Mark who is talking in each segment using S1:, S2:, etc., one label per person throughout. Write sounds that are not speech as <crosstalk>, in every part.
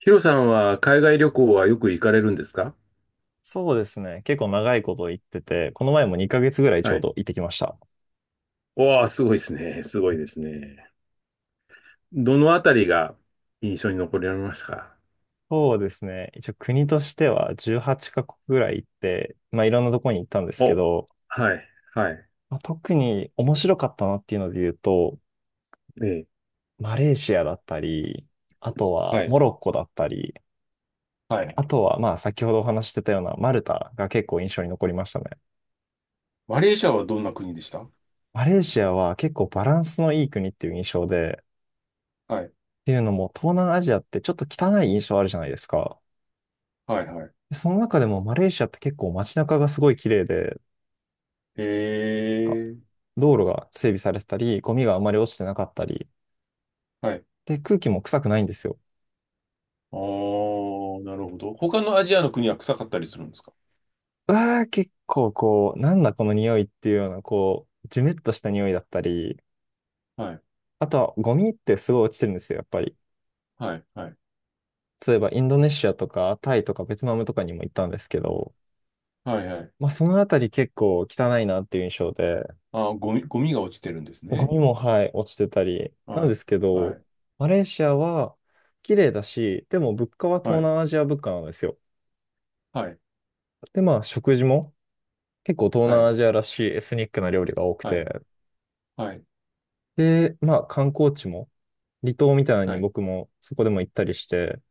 S1: ヒロさんは海外旅行はよく行かれるんですか？
S2: そうですね。結構長いこと行ってて、この前も2ヶ月ぐらいちょ
S1: は
S2: う
S1: い。
S2: ど行ってきました。
S1: おー、すごいですね。すごいですね。どのあたりが印象に残りましたか？
S2: そうですね。一応国としては18カ国ぐらい行って、まあいろんなとこに行ったんですけ
S1: お、
S2: ど、
S1: はい、はい、
S2: まあ、特に面白かったなっていうので言うと、
S1: ええ、
S2: マレーシアだったり、あとは
S1: はい。
S2: モロッコだったり、
S1: はい。
S2: あとはまあ先ほどお話ししてたようなマルタが結構印象に残りましたね。
S1: マレーシアはどんな国でした？
S2: マレーシアは結構バランスのいい国っていう印象で、
S1: はい。
S2: っていうのも東南アジアってちょっと汚い印象あるじゃないですか。
S1: はい。はい。
S2: その中でもマレーシアって結構街中がすごい綺麗で、
S1: え
S2: なんか
S1: ー。
S2: 道路が整備されてたり、ゴミがあまり落ちてなかったり、
S1: はい。
S2: で、空気も臭くないんですよ。
S1: あー、なるほど。他のアジアの国は臭かったりするんですか？
S2: うわー、結構こう、なんだこの匂いっていうような、こう、ジメッとした匂いだったり、
S1: はい。
S2: あとはゴミってすごい落ちてるんですよ、やっぱり。
S1: はい。はい。
S2: そういえばインドネシアとかタイとかベトナムとかにも行ったんですけど、
S1: はい。はい。
S2: まあそのあたり結構汚いなっていう印象で、
S1: あー、ゴミ、ゴミが落ちてるんです
S2: ゴ
S1: ね。
S2: ミも、はい、落ちてたり。な
S1: は
S2: んで
S1: い。
S2: すけ
S1: は
S2: ど、
S1: い。
S2: マレーシアは綺麗だし、でも物価は
S1: は
S2: 東
S1: い。
S2: 南アジア物価なんですよ。
S1: はい。
S2: で、まあ食事も結構東
S1: は
S2: 南
S1: い。
S2: アジアらしいエスニックな料理が多く
S1: はい。
S2: て。
S1: はい。
S2: で、まあ観光地も離島みたいなの
S1: は
S2: に
S1: い。
S2: 僕もそこでも行ったりして。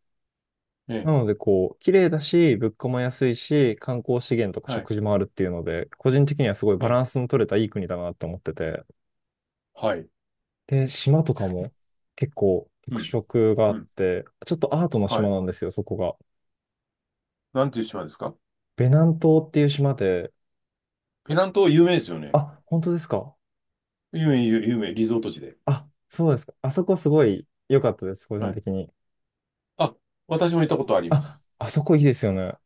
S1: はい。
S2: なのでこう、綺麗だし、物価も安いし、観光資源とか
S1: はい。
S2: 食事もあるっていうので、個人的にはすごい
S1: え
S2: バラ
S1: え。
S2: ンスの取れたいい国だなって思ってて。
S1: はい。
S2: で、島とかも結構
S1: う
S2: 特
S1: ん。
S2: 色があ
S1: う
S2: っ
S1: ん。
S2: て、ちょっとアートの
S1: は
S2: 島
S1: い。
S2: なんですよ、そこが。
S1: なんていう島ですか？
S2: ベナン島っていう島で、
S1: ペナン島有名ですよね。
S2: あ、本当ですか。
S1: 有名、有有名、リゾート地で。
S2: あ、そうですか。あそこすごい良かったです、個
S1: は
S2: 人
S1: い。
S2: 的に。
S1: あ、私も行ったことありま
S2: あ、
S1: す。
S2: あそこいいですよね。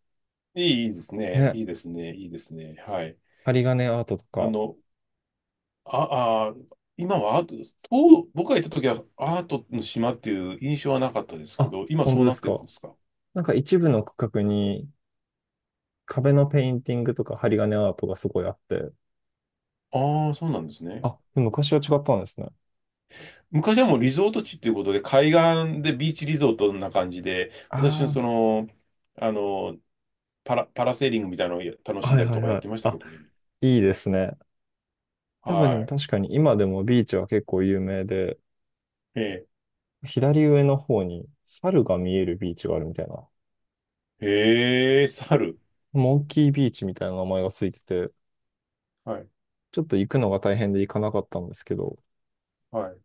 S1: いい、いいですね。い
S2: ね、
S1: いですね。いいですね。はい。
S2: 針金アートと
S1: あ
S2: か。
S1: の、あ、あ、今はアート、と僕が行った時はアートの島っていう印象はなかったですけ
S2: あ、
S1: ど、今
S2: 本
S1: そう
S2: 当で
S1: なっ
S2: す
S1: てるんで
S2: か。
S1: すか？
S2: なんか一部の区画に壁のペインティングとか針金アートがすごいあって。
S1: ああ、そうなんですね。
S2: あ、昔は違ったんですね。
S1: 昔はもうリゾート地っていうことで、海岸でビーチリゾートな感じで、私のそ
S2: あ
S1: の、あの、パラセーリングみたいなのを楽
S2: あ、
S1: しん
S2: はい
S1: だり
S2: は
S1: と
S2: い
S1: かやっ
S2: はい。
S1: てましたけ
S2: あ、
S1: どね。
S2: いいですね。多分でも
S1: は
S2: 確かに今でもビーチは結構有名で、
S1: い。え
S2: 左上の方に猿が見えるビーチがあるみたいな、
S1: ー、えー、猿。
S2: モンキービーチみたいな名前がついてて、
S1: はい。
S2: ちょっと行くのが大変で行かなかったんですけど、
S1: はい。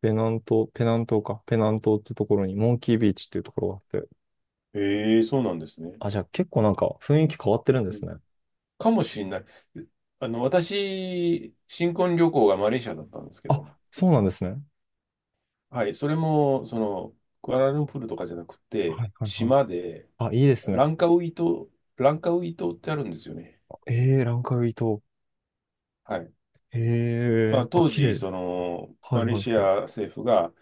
S2: ペナント、ペナン島か、ペナントってところにモンキービーチっていうところがあって、
S1: えー、そうなんですね。
S2: あ、じゃあ結構なんか雰囲気変わってるんで
S1: うん、
S2: すね。
S1: かもしれない。あの、私、新婚旅行がマレーシアだったんですけど、
S2: あ、そうなんですね。
S1: はい。それも、その、クアラルンプールとかじゃなくて、
S2: はいはいはい。
S1: 島で、
S2: あ、いいですね。
S1: ランカウイ島、ランカウイ島ってあるんですよね。
S2: えー、ランカウイ島。
S1: はい。ま
S2: え
S1: あ、
S2: ー、あ、
S1: 当
S2: 綺
S1: 時、
S2: 麗。
S1: その、
S2: は
S1: マ
S2: い
S1: レー
S2: はい
S1: シ
S2: はい。
S1: ア政府が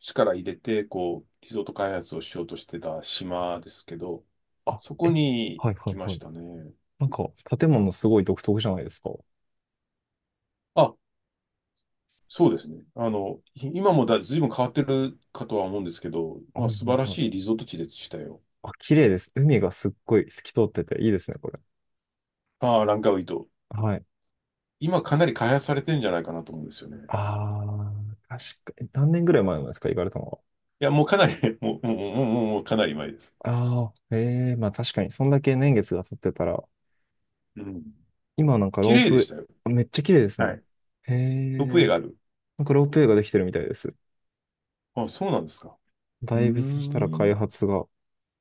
S1: 力入れて、こう、リゾート開発をしようとしてた島ですけど、
S2: あ、
S1: そこ
S2: え、
S1: に行
S2: はいはい
S1: きま
S2: は
S1: し
S2: い。
S1: たね。
S2: なんか、建物すごい独特じゃないですか。は
S1: あ、そうですね。あの、い今もだ、随分変わってるかとは思うんですけど、
S2: い
S1: まあ、
S2: はい
S1: 素晴ら
S2: はい。
S1: しいリゾート地でしたよ。
S2: あ、綺麗です。海がすっごい透き通ってていいですね、これ。
S1: ああ、ランカウイ島。
S2: はい。
S1: 今かなり開発されてるんじゃないかなと思うんですよね。
S2: ああ、確かに。何年ぐらい前なんですか、行かれたのは。
S1: いや、もうかなり <laughs> もう、もう、もう、もう、もうかなり前です。
S2: ああ、ええまあ確かに、そんだけ年月が経ってたら、
S1: うん。
S2: 今なんか
S1: 綺
S2: ロー
S1: 麗でし
S2: プ、
S1: たよ。
S2: めっちゃ綺麗です
S1: は
S2: ね。
S1: い。
S2: へ
S1: ロープウェイ
S2: え、
S1: がある。
S2: なんかロープウェイができてるみたいです。
S1: あ、そうなんですか。うー
S2: だいぶそしたら開
S1: ん。
S2: 発が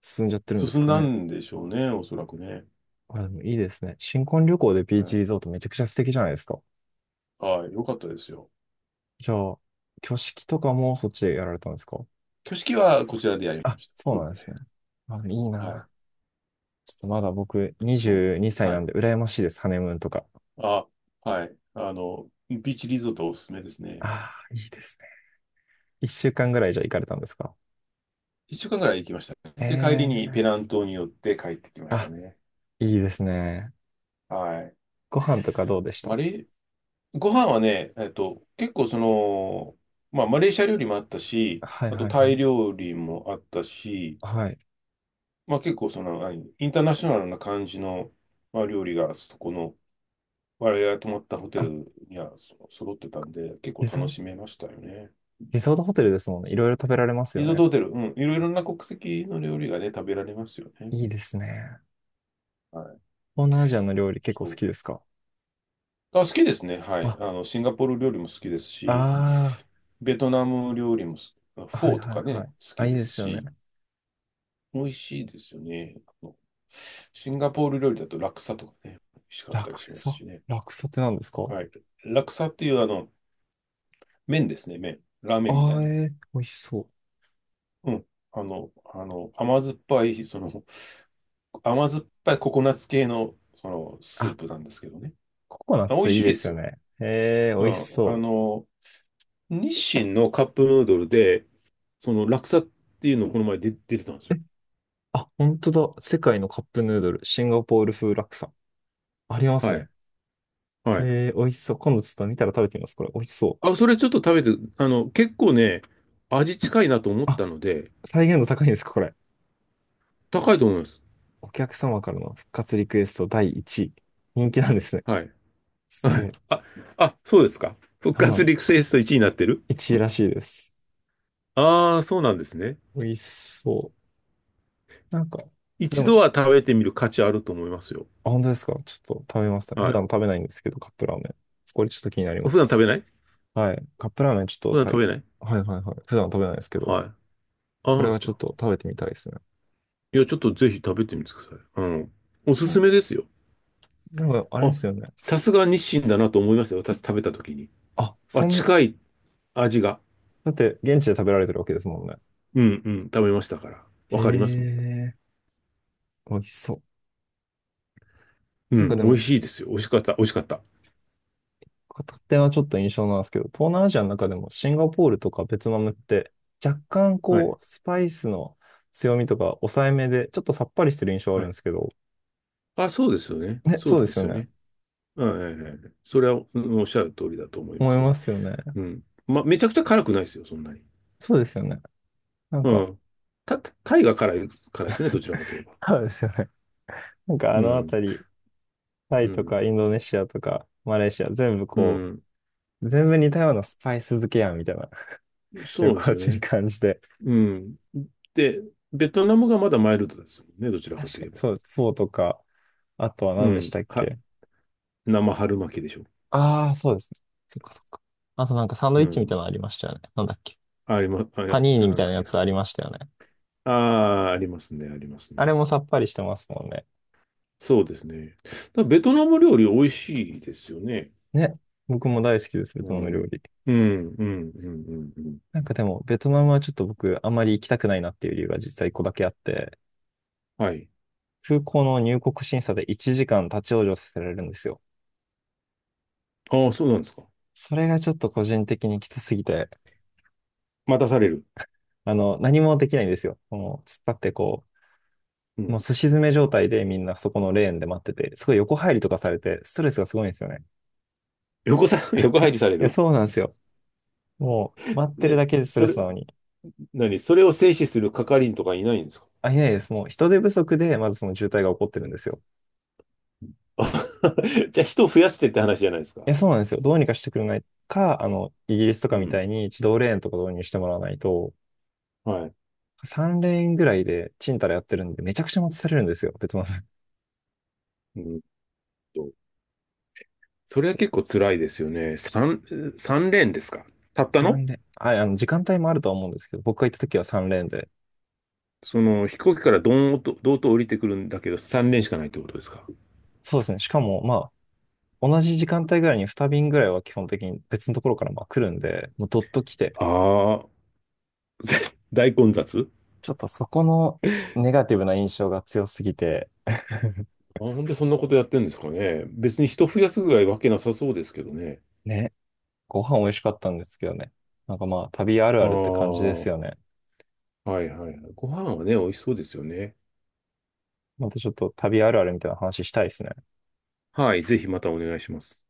S2: 進んじゃってるんです
S1: 進ん
S2: か
S1: だ
S2: ね。
S1: んでしょうね、おそらくね。
S2: あ、でもいいですね。新婚旅行でビー
S1: は
S2: チ
S1: い。
S2: リゾートめちゃくちゃ素敵じゃないですか。
S1: はい。よかったですよ。
S2: じゃあ、挙式とかもそっちでやられたんですか。
S1: 挙式はこちらでやりま
S2: あ、
S1: した。
S2: そ
S1: 福
S2: うな
S1: 岡
S2: んで
S1: で。
S2: すね。まあ、いい
S1: はい。
S2: な。ちょっとまだ僕
S1: そ
S2: 22
S1: う。
S2: 歳
S1: は
S2: なん
S1: い。
S2: で羨ましいです、ハネムーンとか。
S1: あ、はい。あの、ビーチリゾートおすすめですね。
S2: ああ、いいですね。1週間ぐらいじゃ行かれたんですか。
S1: 一週間ぐらい行きましたね。
S2: え
S1: で、帰り
S2: え
S1: にペ
S2: ー。
S1: ナン島に寄って帰ってきました
S2: あ、
S1: ね。
S2: いいですね。
S1: はい。
S2: ご飯とかどうでし
S1: マ
S2: た。
S1: レー、ご飯はね、結構その、まあ、マレーシア料理もあったし、
S2: はい
S1: あと
S2: はい
S1: タ
S2: は
S1: イ
S2: い。
S1: 料理もあったし、
S2: はい。
S1: まあ、結構その、何インターナショナルな感じの、まあ、料理がそこの、我々が泊まったホテ
S2: あ、
S1: ルにはそ揃ってたんで、結構
S2: リ
S1: 楽
S2: ゾ、
S1: しめましたよね。
S2: リゾートホテルですもんね。いろいろ食べられますよ
S1: リゾート
S2: ね。
S1: ホテル、うん、いろいろな国籍の料理がね、食べられますよね。
S2: いいですね。
S1: はい。
S2: 東南アジアの料理結構好
S1: そ
S2: きですか。
S1: う。あ、好きですね。はい。
S2: あ、
S1: あの、シンガポール料理も好きですし、
S2: あ
S1: ベトナム料理もす、フ
S2: あ、は
S1: ォ
S2: い
S1: ーと
S2: はい
S1: か
S2: は
S1: ね、
S2: い。
S1: 好
S2: あ、
S1: き
S2: いい
S1: で
S2: で
S1: す
S2: すよね。
S1: し、美味しいですよね。あの、シンガポール料理だとラクサとかね、美味しかっ
S2: ラ
S1: たり
S2: ク
S1: します
S2: サ、
S1: しね。
S2: ラクサって何ですか。
S1: はい。ラクサっていうあの、麺ですね、麺。ラーメ
S2: あ
S1: ンみたい
S2: あー
S1: な。
S2: えー、美味しそう。
S1: うん。あの、甘酸っぱい、その、甘酸っぱいココナッツ系の、その、スー
S2: あ、
S1: プなんですけどね。
S2: ココナッ
S1: あ、美
S2: ツ
S1: 味し
S2: いい
S1: い
S2: で
S1: で
S2: す
S1: す
S2: よ
S1: よ。
S2: ね。へえ、美
S1: う
S2: 味し
S1: ん。あ
S2: そう。
S1: の、日清のカップヌードルで、その、ラクサっていうのをこの前で出てたんですよ。
S2: あ、本当だ。世界のカップヌードル、シンガポール風ラクサ。あります
S1: はい。
S2: ね。
S1: はい。
S2: へえー、美味しそう。今度ちょっと見たら食べてみます。これ、美味しそう。
S1: あ、それちょっと食べて、あの、結構ね、味近いなと思った
S2: あ、
S1: ので、
S2: 再現度高いんですか、これ。
S1: 高いと思います。
S2: お客様からの復活リクエスト第1位。人気なんですね。
S1: はい。
S2: す
S1: は
S2: げ
S1: い。
S2: え。
S1: そうですか。復活
S2: はい。
S1: リクエスト1位になってる？
S2: 1位らしいです。
S1: ああー、そうなんですね。
S2: 美味しそう。なんか、で
S1: 一
S2: も、
S1: 度は食べてみる価値あると思いますよ。
S2: あ、本当ですか。ちょっと食べました。
S1: は
S2: 普
S1: い。
S2: 段食べないんですけど、カップラーメン。これちょっと気になりま
S1: 普段食べ
S2: す。
S1: ない？
S2: はい。カップラーメンちょっ
S1: 普
S2: と
S1: 段食べない？
S2: はいはいはい。普段食べないですけど、
S1: はい。あ、そ
S2: こ
S1: う
S2: れ
S1: です
S2: はちょ
S1: か。
S2: っと食べてみたいですね。
S1: いや、ちょっとぜひ食べてみてください。うん。おす
S2: なん
S1: すめですよ。
S2: なんか、あれで
S1: あ、
S2: すよね。
S1: さすが日清だなと思いましたよ。私食べた時に。
S2: あ、
S1: あ、
S2: そん、
S1: 近い味が。
S2: だって現地で食べられてるわけですもんね。
S1: うんうん。食べましたから。わ
S2: へ
S1: かりますもん。
S2: え、美味しそう。
S1: う
S2: なん
S1: ん。
S2: かで
S1: 美味
S2: も、
S1: しいですよ。美味しかった。美味しかった。
S2: 勝手なちょっと印象なんですけど、東南アジアの中でもシンガポールとかベトナムって若干
S1: はい。
S2: こう、スパイスの強みとか抑えめで、ちょっとさっぱりしてる印象あ
S1: は
S2: るんで
S1: い。
S2: すけど、
S1: あ、そうですよね。
S2: ね、
S1: そう
S2: そうで
S1: で
S2: す
S1: す
S2: よ
S1: よ
S2: ね。
S1: ね。はいはいはい。それは、うん、おっしゃる通りだと思いま
S2: 思い
S1: す
S2: ま
S1: ね。
S2: すよね。
S1: うん。まあ、めちゃくちゃ辛くないですよ。そんなに。
S2: そうですよね。なん
S1: う
S2: か、
S1: ん。た、タイが辛い、辛いですね。どちらかといえば。
S2: そうですよね。なんか
S1: う
S2: あのあ
S1: ん。
S2: たり、タ
S1: う
S2: イと
S1: ん。
S2: かインドネシアとかマレーシア全部
S1: う
S2: こ
S1: ん。
S2: う、全部似たようなスパイス漬けやんみたいな <laughs>
S1: そ
S2: 旅
S1: うです
S2: 行
S1: よ
S2: 中 <laughs> に
S1: ね。
S2: 感じて。
S1: うん。で、ベトナムがまだマイルドですもんね、どちらか
S2: 確
S1: と
S2: か
S1: いえ
S2: に、
S1: ば。
S2: そうです。フォーとか、あとは
S1: う
S2: 何でし
S1: ん。
S2: たっ
S1: は、
S2: け。
S1: 生春巻きでしょ。
S2: ああー、そうですね。そっかそっか。あとなんかサンド
S1: う
S2: イッチみたい
S1: ん。
S2: なのありましたよね。なんだっけ。
S1: ありま、あ、いや
S2: パニーニみ
S1: なん
S2: たい
S1: だっ
S2: な
S1: け
S2: やつ
S1: な。
S2: ありましたよね。
S1: ああ、ありますね、あります
S2: あれ
S1: ね。
S2: もさっぱりしてますもんね。
S1: そうですね。だからベトナム料理美味しいですよね。
S2: ね。僕も大好きです、ベ
S1: う
S2: トナム料
S1: ん。
S2: 理。
S1: うん、うん、うん、うん、うん。
S2: なんかでも、ベトナムはちょっと僕、あまり行きたくないなっていう理由が実際一個だけあって、
S1: はい。
S2: 空港の入国審査で1時間立ち往生させられるんですよ。
S1: ああ、そうなんですか。
S2: それがちょっと個人的にきつすぎて、
S1: 待たされる。
S2: あの、何もできないんですよ。もう、突っ立ってこ
S1: う
S2: う、も
S1: ん。
S2: うすし詰め状態でみんなそこのレーンで待ってて、すごい横入りとかされて、ストレスがすごいんですよね。
S1: 横さ、<laughs> 横入り
S2: い
S1: され
S2: や、
S1: る？
S2: そうなんですよ。もう、待ってる
S1: で、
S2: だけでスト
S1: そ
S2: レ
S1: れ、
S2: スなのに。
S1: 何それを制止する係員とかいないんですか？
S2: あ、いないです。もう、人手不足で、まずその渋滞が起こって
S1: う
S2: るん
S1: ん。
S2: ですよ。
S1: あ <laughs> じゃあ人を増やしてって話じゃないです
S2: い
S1: か。
S2: や、そうなんですよ。どうにかしてくれないか、あの、イギリスとか
S1: う
S2: みた
S1: ん。
S2: いに自動レーンとか導入してもらわないと、
S1: はい。
S2: 3レーンぐらいでチンタラやってるんで、めちゃくちゃ待たされるんですよ、ベトナム。
S1: うんと。それは結構辛いですよね。三、三連ですか？たっ
S2: <laughs>
S1: たの？
S2: 3レーン。はい、あの、時間帯もあるとは思うんですけど、僕が行った時は3レーンで。
S1: その飛行機からドーンと、ドーンと降りてくるんだけど、三連しかないってことですか？
S2: そうですね。しかも、まあ、同じ時間帯ぐらいに2便ぐらいは基本的に別のところからまあ来るんで、もうどっと来て、
S1: ああ、大混雑。
S2: ちょっとそこのネガティブな印象が強すぎて、
S1: あ、本当にそんなことやってるんですかね。別に人増やすぐらいわけなさそうですけどね。
S2: ね、ご飯美味しかったんですけどね。なんかまあ旅ある
S1: ああ、
S2: あるって感じです
S1: は
S2: よね。
S1: いはいはい。ご飯はね、美味しそうですよね。
S2: またちょっと旅あるあるみたいな話したいですね。
S1: はい、ぜひまたお願いします。